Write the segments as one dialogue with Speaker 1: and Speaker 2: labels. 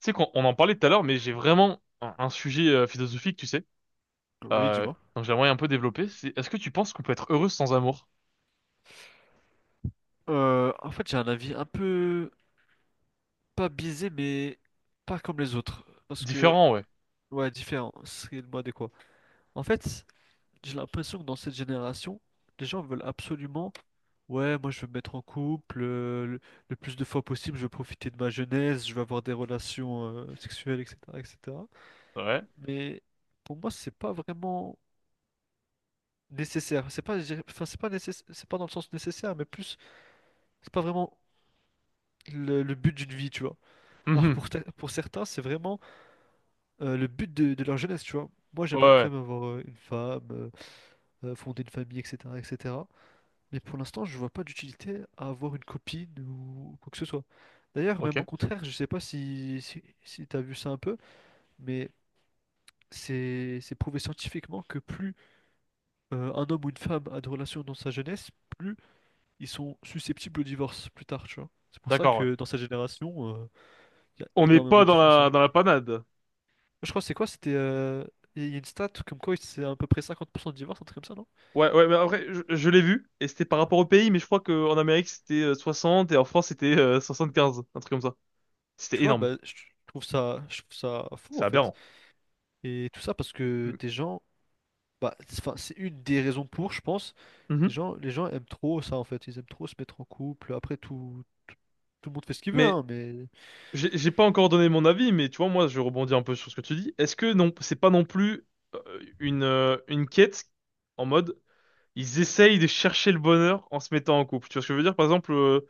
Speaker 1: Tu sais qu'on on en parlait tout à l'heure, mais j'ai vraiment un sujet philosophique, tu sais.
Speaker 2: Oui,
Speaker 1: Euh,
Speaker 2: dis-moi.
Speaker 1: donc j'aimerais un peu développer. Est-ce que tu penses qu'on peut être heureux sans amour?
Speaker 2: En fait, j'ai un avis un peu pas biaisé, mais pas comme les autres. Parce que,
Speaker 1: Différent, ouais.
Speaker 2: ouais, différent. C'est le mot adéquat. En fait, j'ai l'impression que dans cette génération, les gens veulent absolument, ouais, moi je veux me mettre en couple le plus de fois possible, je veux profiter de ma jeunesse, je veux avoir des relations sexuelles, etc., etc.
Speaker 1: Ouais.
Speaker 2: Mais pour moi, c'est pas vraiment nécessaire. C'est pas, enfin, c'est pas nécessaire, c'est pas dans le sens nécessaire, mais plus, c'est pas vraiment le but d'une vie, tu vois. Alors
Speaker 1: Mhm.
Speaker 2: pour certains, c'est vraiment le but de leur jeunesse, tu vois. Moi,
Speaker 1: Ouais,
Speaker 2: j'aimerais
Speaker 1: ouais.
Speaker 2: quand même avoir une femme, fonder une famille, etc., etc. Mais pour l'instant, je vois pas d'utilité à avoir une copine ou quoi que ce soit. D'ailleurs, même
Speaker 1: Ok.
Speaker 2: au contraire, je sais pas si t'as vu ça un peu, mais c'est prouvé scientifiquement que plus un homme ou une femme a de relations dans sa jeunesse, plus ils sont susceptibles au divorce plus tard, tu vois. C'est pour ça
Speaker 1: D'accord, ouais.
Speaker 2: que dans sa génération, il y a
Speaker 1: On n'est
Speaker 2: énormément de
Speaker 1: pas dans
Speaker 2: divorces.
Speaker 1: dans la panade.
Speaker 2: Je crois que c'est quoi? C'était. Il y a une stat comme quoi c'est à peu près 50 % de divorce, un truc comme ça, non?
Speaker 1: Ouais, ouais, mais après, je l'ai vu, et c'était par rapport au pays, mais je crois qu'en Amérique, c'était 60, et en France, c'était 75, un truc comme ça. C'était
Speaker 2: Tu vois,
Speaker 1: énorme.
Speaker 2: bah, je trouve ça fou
Speaker 1: C'est
Speaker 2: en fait.
Speaker 1: aberrant.
Speaker 2: Et tout ça parce que
Speaker 1: M-
Speaker 2: des gens. Bah, c'est une des raisons pour, je pense.
Speaker 1: Mhm.
Speaker 2: Les gens aiment trop ça en fait. Ils aiment trop se mettre en couple. Après, tout le monde fait ce qu'il veut,
Speaker 1: Mais
Speaker 2: hein, mais.
Speaker 1: j'ai pas encore donné mon avis, mais tu vois, moi, je rebondis un peu sur ce que tu dis. Est-ce que non, c'est pas non plus euh, une quête en mode ils essayent de chercher le bonheur en se mettant en couple. Tu vois ce que je veux dire? Par exemple,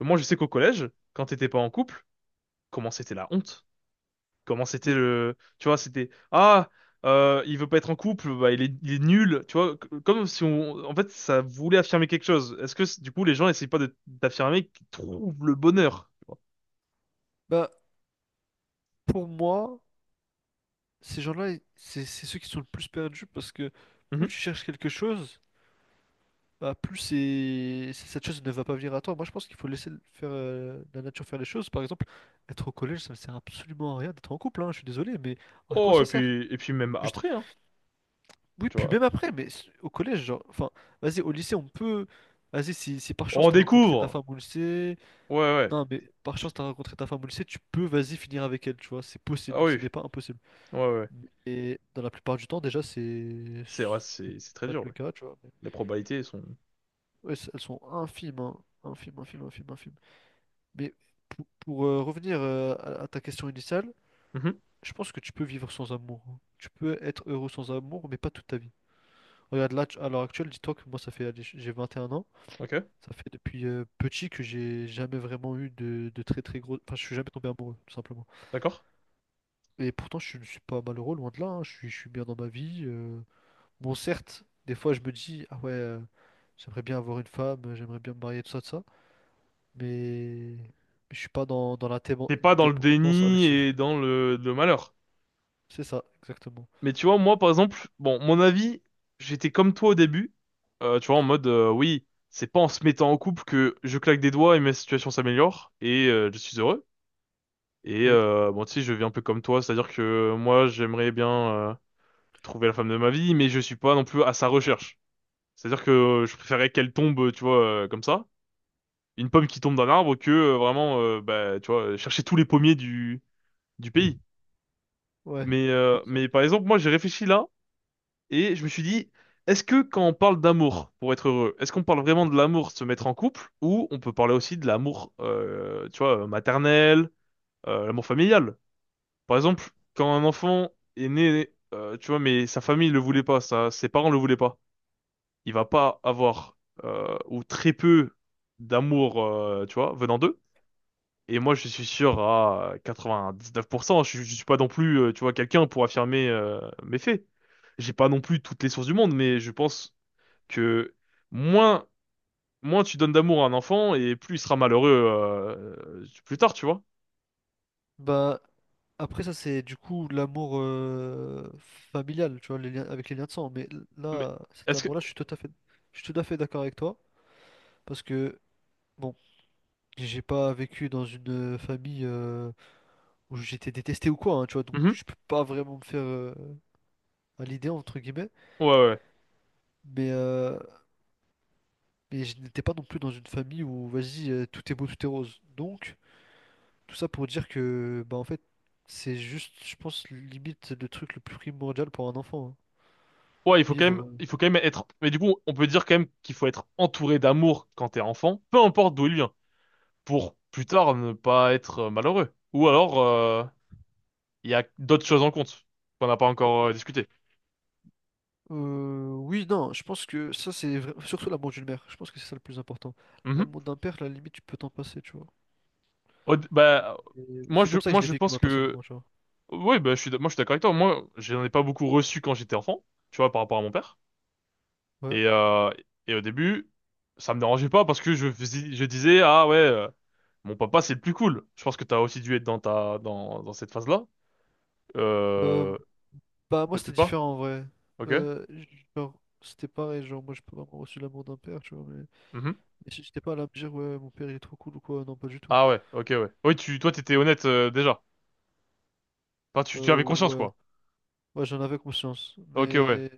Speaker 1: moi, je sais qu'au collège, quand t'étais pas en couple, comment c'était la honte? Comment c'était
Speaker 2: Mais
Speaker 1: le, tu vois, c'était ah, il veut pas être en couple, bah il est nul. Tu vois, comme si on, en fait, ça voulait affirmer quelque chose. Est-ce que du coup, les gens essayent pas d'affirmer qu'ils trouvent le bonheur? Tu vois.
Speaker 2: bah, pour moi, ces gens-là, c'est ceux qui sont le plus perdus parce que plus tu
Speaker 1: Mhm.
Speaker 2: cherches quelque chose. Bah, plus cette chose ne va pas venir à toi. Moi, je pense qu'il faut faire la nature faire les choses. Par exemple, être au collège, ça ne sert absolument à rien d'être en couple, hein, je suis désolé, mais à quoi
Speaker 1: Oh,
Speaker 2: ça sert?
Speaker 1: et puis même
Speaker 2: Juste,
Speaker 1: après, hein.
Speaker 2: oui,
Speaker 1: Tu
Speaker 2: puis
Speaker 1: vois.
Speaker 2: même après, mais au collège, genre, enfin, vas-y, au lycée, on peut. Vas-y, si par chance
Speaker 1: On
Speaker 2: t'as rencontré ta
Speaker 1: découvre!
Speaker 2: femme au lycée.
Speaker 1: Ouais, ouais.
Speaker 2: Non, mais par chance
Speaker 1: Tu-
Speaker 2: t'as rencontré ta femme au lycée, tu peux, vas-y, finir avec elle, tu vois, c'est
Speaker 1: Ah
Speaker 2: possible,
Speaker 1: oui,
Speaker 2: ce n'est pas impossible.
Speaker 1: ouais, ouais.
Speaker 2: Et dans la plupart du temps, déjà, c'est
Speaker 1: C'est ouais,
Speaker 2: c'est
Speaker 1: c'est très
Speaker 2: pas
Speaker 1: dur,
Speaker 2: le
Speaker 1: oui.
Speaker 2: cas, tu vois.
Speaker 1: Les probabilités sont…
Speaker 2: Ouais, elles sont infimes, hein. Infimes, infimes, infimes, infimes. Mais revenir à ta question initiale,
Speaker 1: Mhm.
Speaker 2: je pense que tu peux vivre sans amour. Hein. Tu peux être heureux sans amour, mais pas toute ta vie. Regarde, à l'heure actuelle, dis-toi que moi, ça fait, allez, j'ai 21 ans.
Speaker 1: Ok,
Speaker 2: Ça fait depuis petit que j'ai jamais vraiment eu de très très gros. Enfin, je suis jamais tombé amoureux, tout simplement.
Speaker 1: d'accord.
Speaker 2: Et pourtant, je ne suis pas malheureux, loin de là. Hein. Je suis bien dans ma vie. Bon, certes, des fois, je me dis, ah ouais, j'aimerais bien avoir une femme, j'aimerais bien me marier, tout ça, tout ça. Mais je suis pas dans la
Speaker 1: T'es pas dans le
Speaker 2: dépendance
Speaker 1: déni
Speaker 2: affective.
Speaker 1: et dans le malheur.
Speaker 2: C'est ça, exactement.
Speaker 1: Mais tu vois, moi, par exemple, bon, mon avis, j'étais comme toi au début. Tu vois, en mode, oui, c'est pas en se mettant en couple que je claque des doigts et ma situation s'améliore et je suis heureux. Et
Speaker 2: Oui,
Speaker 1: bon, tu sais, je vis un peu comme toi, c'est-à-dire que moi, j'aimerais bien trouver la femme de ma vie, mais je suis pas non plus à sa recherche. C'est-à-dire que je préférais qu'elle tombe, tu vois, comme ça, une pomme qui tombe d'un arbre, que vraiment, bah, tu vois, chercher tous les pommiers du pays.
Speaker 2: ouais. Ouais, ça va.
Speaker 1: Mais par exemple, moi, j'ai réfléchi là, et je me suis dit, est-ce que quand on parle d'amour, pour être heureux, est-ce qu'on parle vraiment de l'amour de se mettre en couple, ou on peut parler aussi de l'amour, tu vois, maternel, l'amour familial? Par exemple, quand un enfant est né, tu vois, mais sa famille le voulait pas, ça, ses parents le voulaient pas. Il va pas avoir ou très peu d'amour, tu vois, venant d'eux. Et moi, je suis sûr à 99%. Je suis pas non plus, tu vois, quelqu'un pour affirmer mes faits. J'ai pas non plus toutes les sources du monde, mais je pense que moins, moins tu donnes d'amour à un enfant et plus il sera malheureux plus tard, tu vois.
Speaker 2: Bah, après ça, c'est du coup l'amour familial, tu vois, les liens, avec les liens de sang. Mais
Speaker 1: Mais
Speaker 2: là, cet
Speaker 1: est-ce que
Speaker 2: amour-là, je suis tout à fait d'accord avec toi. Parce que, bon, j'ai pas vécu dans une famille où j'étais détesté ou quoi, hein, tu vois. Donc,
Speaker 1: Mhm.
Speaker 2: je peux pas vraiment me faire à l'idée, entre guillemets.
Speaker 1: Ouais, ouais. Ouais,
Speaker 2: Mais, euh, mais je n'étais pas non plus dans une famille où, vas-y, tout est beau, tout est rose. Donc, tout ça pour dire que, bah en fait, c'est juste, je pense, limite le truc le plus primordial pour un enfant. Hein.
Speaker 1: ouais, il faut quand même,
Speaker 2: Vivre.
Speaker 1: il faut quand même être. Mais du coup, on peut dire quand même qu'il faut être entouré d'amour quand t'es enfant, peu importe d'où il vient. Pour plus tard ne pas être malheureux. Ou alors, il y a d'autres choses en compte qu'on n'a pas encore discuté.
Speaker 2: Oui, non, je pense que ça, surtout l'amour d'une mère. Je pense que c'est ça le plus important.
Speaker 1: Mhm.
Speaker 2: L'amour d'un père, à la limite, tu peux t'en passer, tu vois.
Speaker 1: Bah,
Speaker 2: Et c'est comme ça que
Speaker 1: moi
Speaker 2: je l'ai
Speaker 1: je
Speaker 2: vécu,
Speaker 1: pense
Speaker 2: moi,
Speaker 1: que,
Speaker 2: personnellement, tu vois.
Speaker 1: oui, bah, je suis, moi je suis d'accord avec toi. Moi, j'en ai pas beaucoup reçu quand j'étais enfant, tu vois, par rapport à mon père.
Speaker 2: Ouais.
Speaker 1: Et, euh, et au début, ça me dérangeait pas parce que je, je disais, ah ouais, mon papa c'est le plus cool. Je pense que t'as aussi dû être dans ta, dans cette phase-là.
Speaker 2: Euh,
Speaker 1: Euh,
Speaker 2: bah, moi,
Speaker 1: peut-être
Speaker 2: c'était
Speaker 1: pas.
Speaker 2: différent, en vrai.
Speaker 1: Ok.
Speaker 2: Genre, c'était pareil, genre, moi, j'ai pas vraiment reçu l'amour d'un père, tu vois. Mais,
Speaker 1: Mhm.
Speaker 2: mais j- j'étais pas là à me dire, ouais, mon père, il est trop cool ou quoi. Non, pas du tout.
Speaker 1: Ah ouais, ok, ouais. Oui, toi, t'étais honnête déjà. Enfin, tu avais conscience,
Speaker 2: Ouais.
Speaker 1: quoi.
Speaker 2: Ouais, j'en avais conscience.
Speaker 1: Ok, ouais.
Speaker 2: Mais.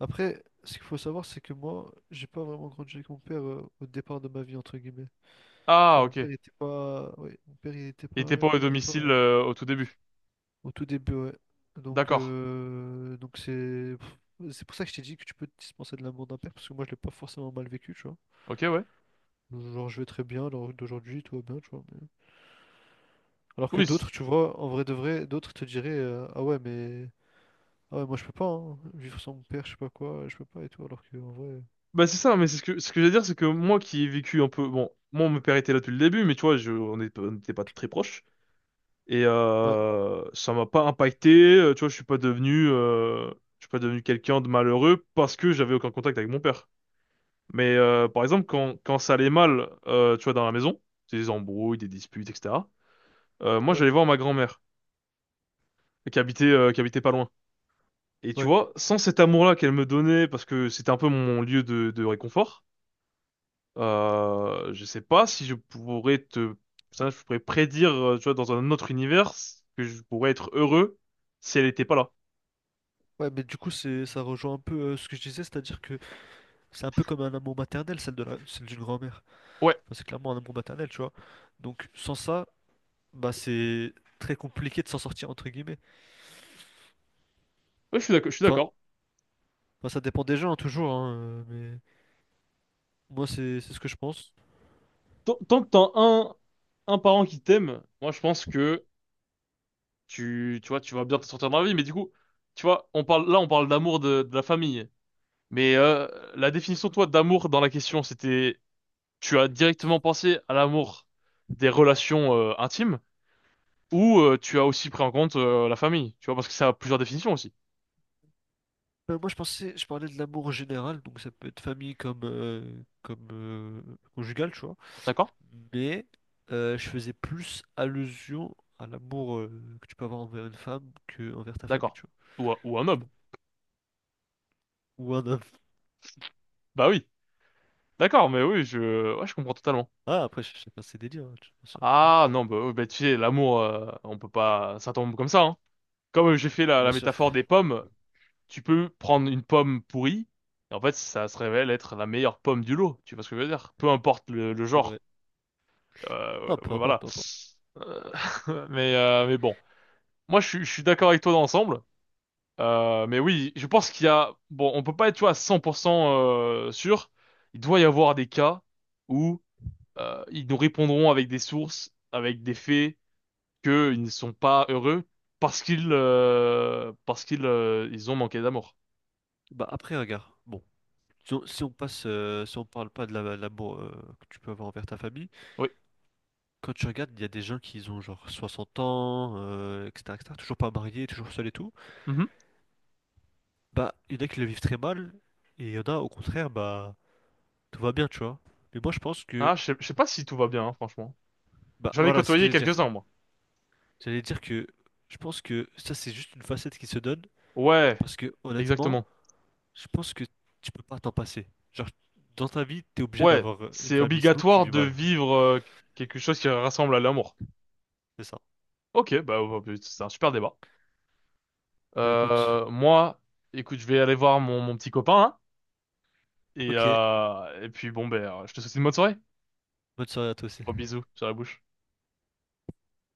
Speaker 2: Après, ce qu'il faut savoir, c'est que moi, j'ai pas vraiment grandi avec mon père au départ de ma vie, entre guillemets.
Speaker 1: Ah,
Speaker 2: Genre, mon père,
Speaker 1: ok.
Speaker 2: il était pas... Ouais, mon père, il était
Speaker 1: Il était
Speaker 2: pas...
Speaker 1: pas au
Speaker 2: Il était pas
Speaker 1: domicile au tout début.
Speaker 2: au tout début, ouais. Donc,
Speaker 1: D'accord.
Speaker 2: euh, donc c'est... C'est pour ça que je t'ai dit que tu peux te dispenser de l'amour d'un père, parce que moi, je l'ai pas forcément mal vécu, tu vois.
Speaker 1: Ok, ouais.
Speaker 2: Genre, je vais très bien, alors d'aujourd'hui, tout va bien, tu vois. Alors que
Speaker 1: Oui.
Speaker 2: d'autres, tu vois, en vrai de vrai, d'autres te diraient, ah ouais, mais... Ah ouais, moi, je peux pas, hein, vivre sans mon père, je sais pas quoi, je peux pas, et tout, alors que, en vrai...
Speaker 1: Bah c'est ça, mais c'est ce que je veux dire, c'est que moi qui ai vécu un peu, bon, moi mon père était là depuis le début, mais tu vois, je, on n'était pas très proches et
Speaker 2: Ouais,
Speaker 1: ça m'a pas impacté. Tu vois, je suis pas devenu, je suis pas devenu quelqu'un de malheureux parce que j'avais aucun contact avec mon père. Mais par exemple, quand quand ça allait mal, tu vois, dans la maison, des embrouilles, des disputes, etc. Moi,
Speaker 2: ouais,
Speaker 1: j'allais voir ma grand-mère qui habitait pas loin. Et tu
Speaker 2: ouais.
Speaker 1: vois, sans cet amour-là qu'elle me donnait, parce que c'était un peu mon lieu de réconfort, je sais pas si je pourrais te, ça, je pourrais prédire, tu vois, dans un autre univers que je pourrais être heureux si elle était pas là.
Speaker 2: Ouais, mais du coup, ça rejoint un peu ce que je disais, c'est-à-dire que c'est un peu comme un amour maternel, celle d'une grand-mère.
Speaker 1: Ouais,
Speaker 2: Enfin, c'est clairement un amour maternel, tu vois. Donc, sans ça, bah, c'est très compliqué de s'en sortir, entre guillemets.
Speaker 1: ouais, je suis d'accord, je suis
Speaker 2: Enfin,
Speaker 1: d'accord.
Speaker 2: bah, ça dépend des gens, hein, toujours, hein, mais moi, c'est ce que je pense.
Speaker 1: Tant que t'as un parent qui t'aime, moi je pense que tu vois, tu vas bien te sortir dans la vie. Mais du coup, tu vois, on parle, là on parle d'amour de la famille. Mais la définition, toi, d'amour dans la question, c'était tu as directement pensé à l'amour des relations intimes ou tu as aussi pris en compte la famille, tu vois, parce que ça a plusieurs définitions aussi.
Speaker 2: Moi, je pensais, je parlais de l'amour en général, donc ça peut être famille comme conjugal, tu vois.
Speaker 1: D'accord?
Speaker 2: Mais je faisais plus allusion à l'amour que tu peux avoir envers une femme que envers ta famille,
Speaker 1: D'accord.
Speaker 2: tu vois.
Speaker 1: Ou, ou un homme.
Speaker 2: Ou un.
Speaker 1: Bah oui. D'accord, mais oui, je, ouais, je comprends totalement.
Speaker 2: Ah, après, chacun ses délires, hein, bien sûr, toujours.
Speaker 1: Ah non, bah, oui, bah, tu sais, l'amour, on peut pas, ça tombe comme ça. Hein. Comme j'ai fait la, la
Speaker 2: Bien sûr,
Speaker 1: métaphore des pommes, tu peux prendre une pomme pourrie, et en fait, ça se révèle être la meilleure pomme du lot. Tu vois ce que je veux dire? Peu importe le
Speaker 2: c'est vrai.
Speaker 1: genre.
Speaker 2: Non, peu importe,
Speaker 1: Voilà.
Speaker 2: peu importe.
Speaker 1: Euh, mais bon. Moi, je suis d'accord avec toi dans l'ensemble. Mais oui, je pense qu'il y a… Bon, on peut pas être, tu vois, à 100% sûr. Il doit y avoir des cas où ils nous répondront avec des sources, avec des faits, qu'ils ne sont pas heureux parce qu'ils ils ont manqué d'amour.
Speaker 2: Bah, après, regarde, bon, si on passe, si on parle pas de l'amour que tu peux avoir envers ta famille,
Speaker 1: Oui.
Speaker 2: quand tu regardes, il y a des gens qui ont genre 60 ans, etc., etc., toujours pas mariés, toujours seuls et tout.
Speaker 1: Mhm.
Speaker 2: Bah, il y en a qui le vivent très mal, et il y en a, au contraire, bah, tout va bien, tu vois. Mais moi, je pense que,
Speaker 1: Ah, je sais pas si tout va bien, hein, franchement.
Speaker 2: bah,
Speaker 1: J'en ai
Speaker 2: voilà, c'est ce que
Speaker 1: côtoyé
Speaker 2: j'allais dire.
Speaker 1: quelques-uns, moi.
Speaker 2: J'allais dire que je pense que ça, c'est juste une facette qui se donne,
Speaker 1: Ouais,
Speaker 2: parce que, honnêtement,
Speaker 1: exactement.
Speaker 2: je pense que tu peux pas t'en passer. Genre, dans ta vie, t'es obligé
Speaker 1: Ouais,
Speaker 2: d'avoir une
Speaker 1: c'est
Speaker 2: famille, sinon tu
Speaker 1: obligatoire
Speaker 2: vis
Speaker 1: de
Speaker 2: mal.
Speaker 1: vivre quelque chose qui rassemble à l'amour.
Speaker 2: C'est ça.
Speaker 1: Ok, bah, bah, c'est un super débat.
Speaker 2: Ben écoute,
Speaker 1: Moi, écoute, je vais aller voir mon, mon petit copain, hein,
Speaker 2: ok,
Speaker 1: et puis bon, ben, je te souhaite une bonne soirée.
Speaker 2: bonne soirée à toi aussi.
Speaker 1: Gros bisous sur la bouche.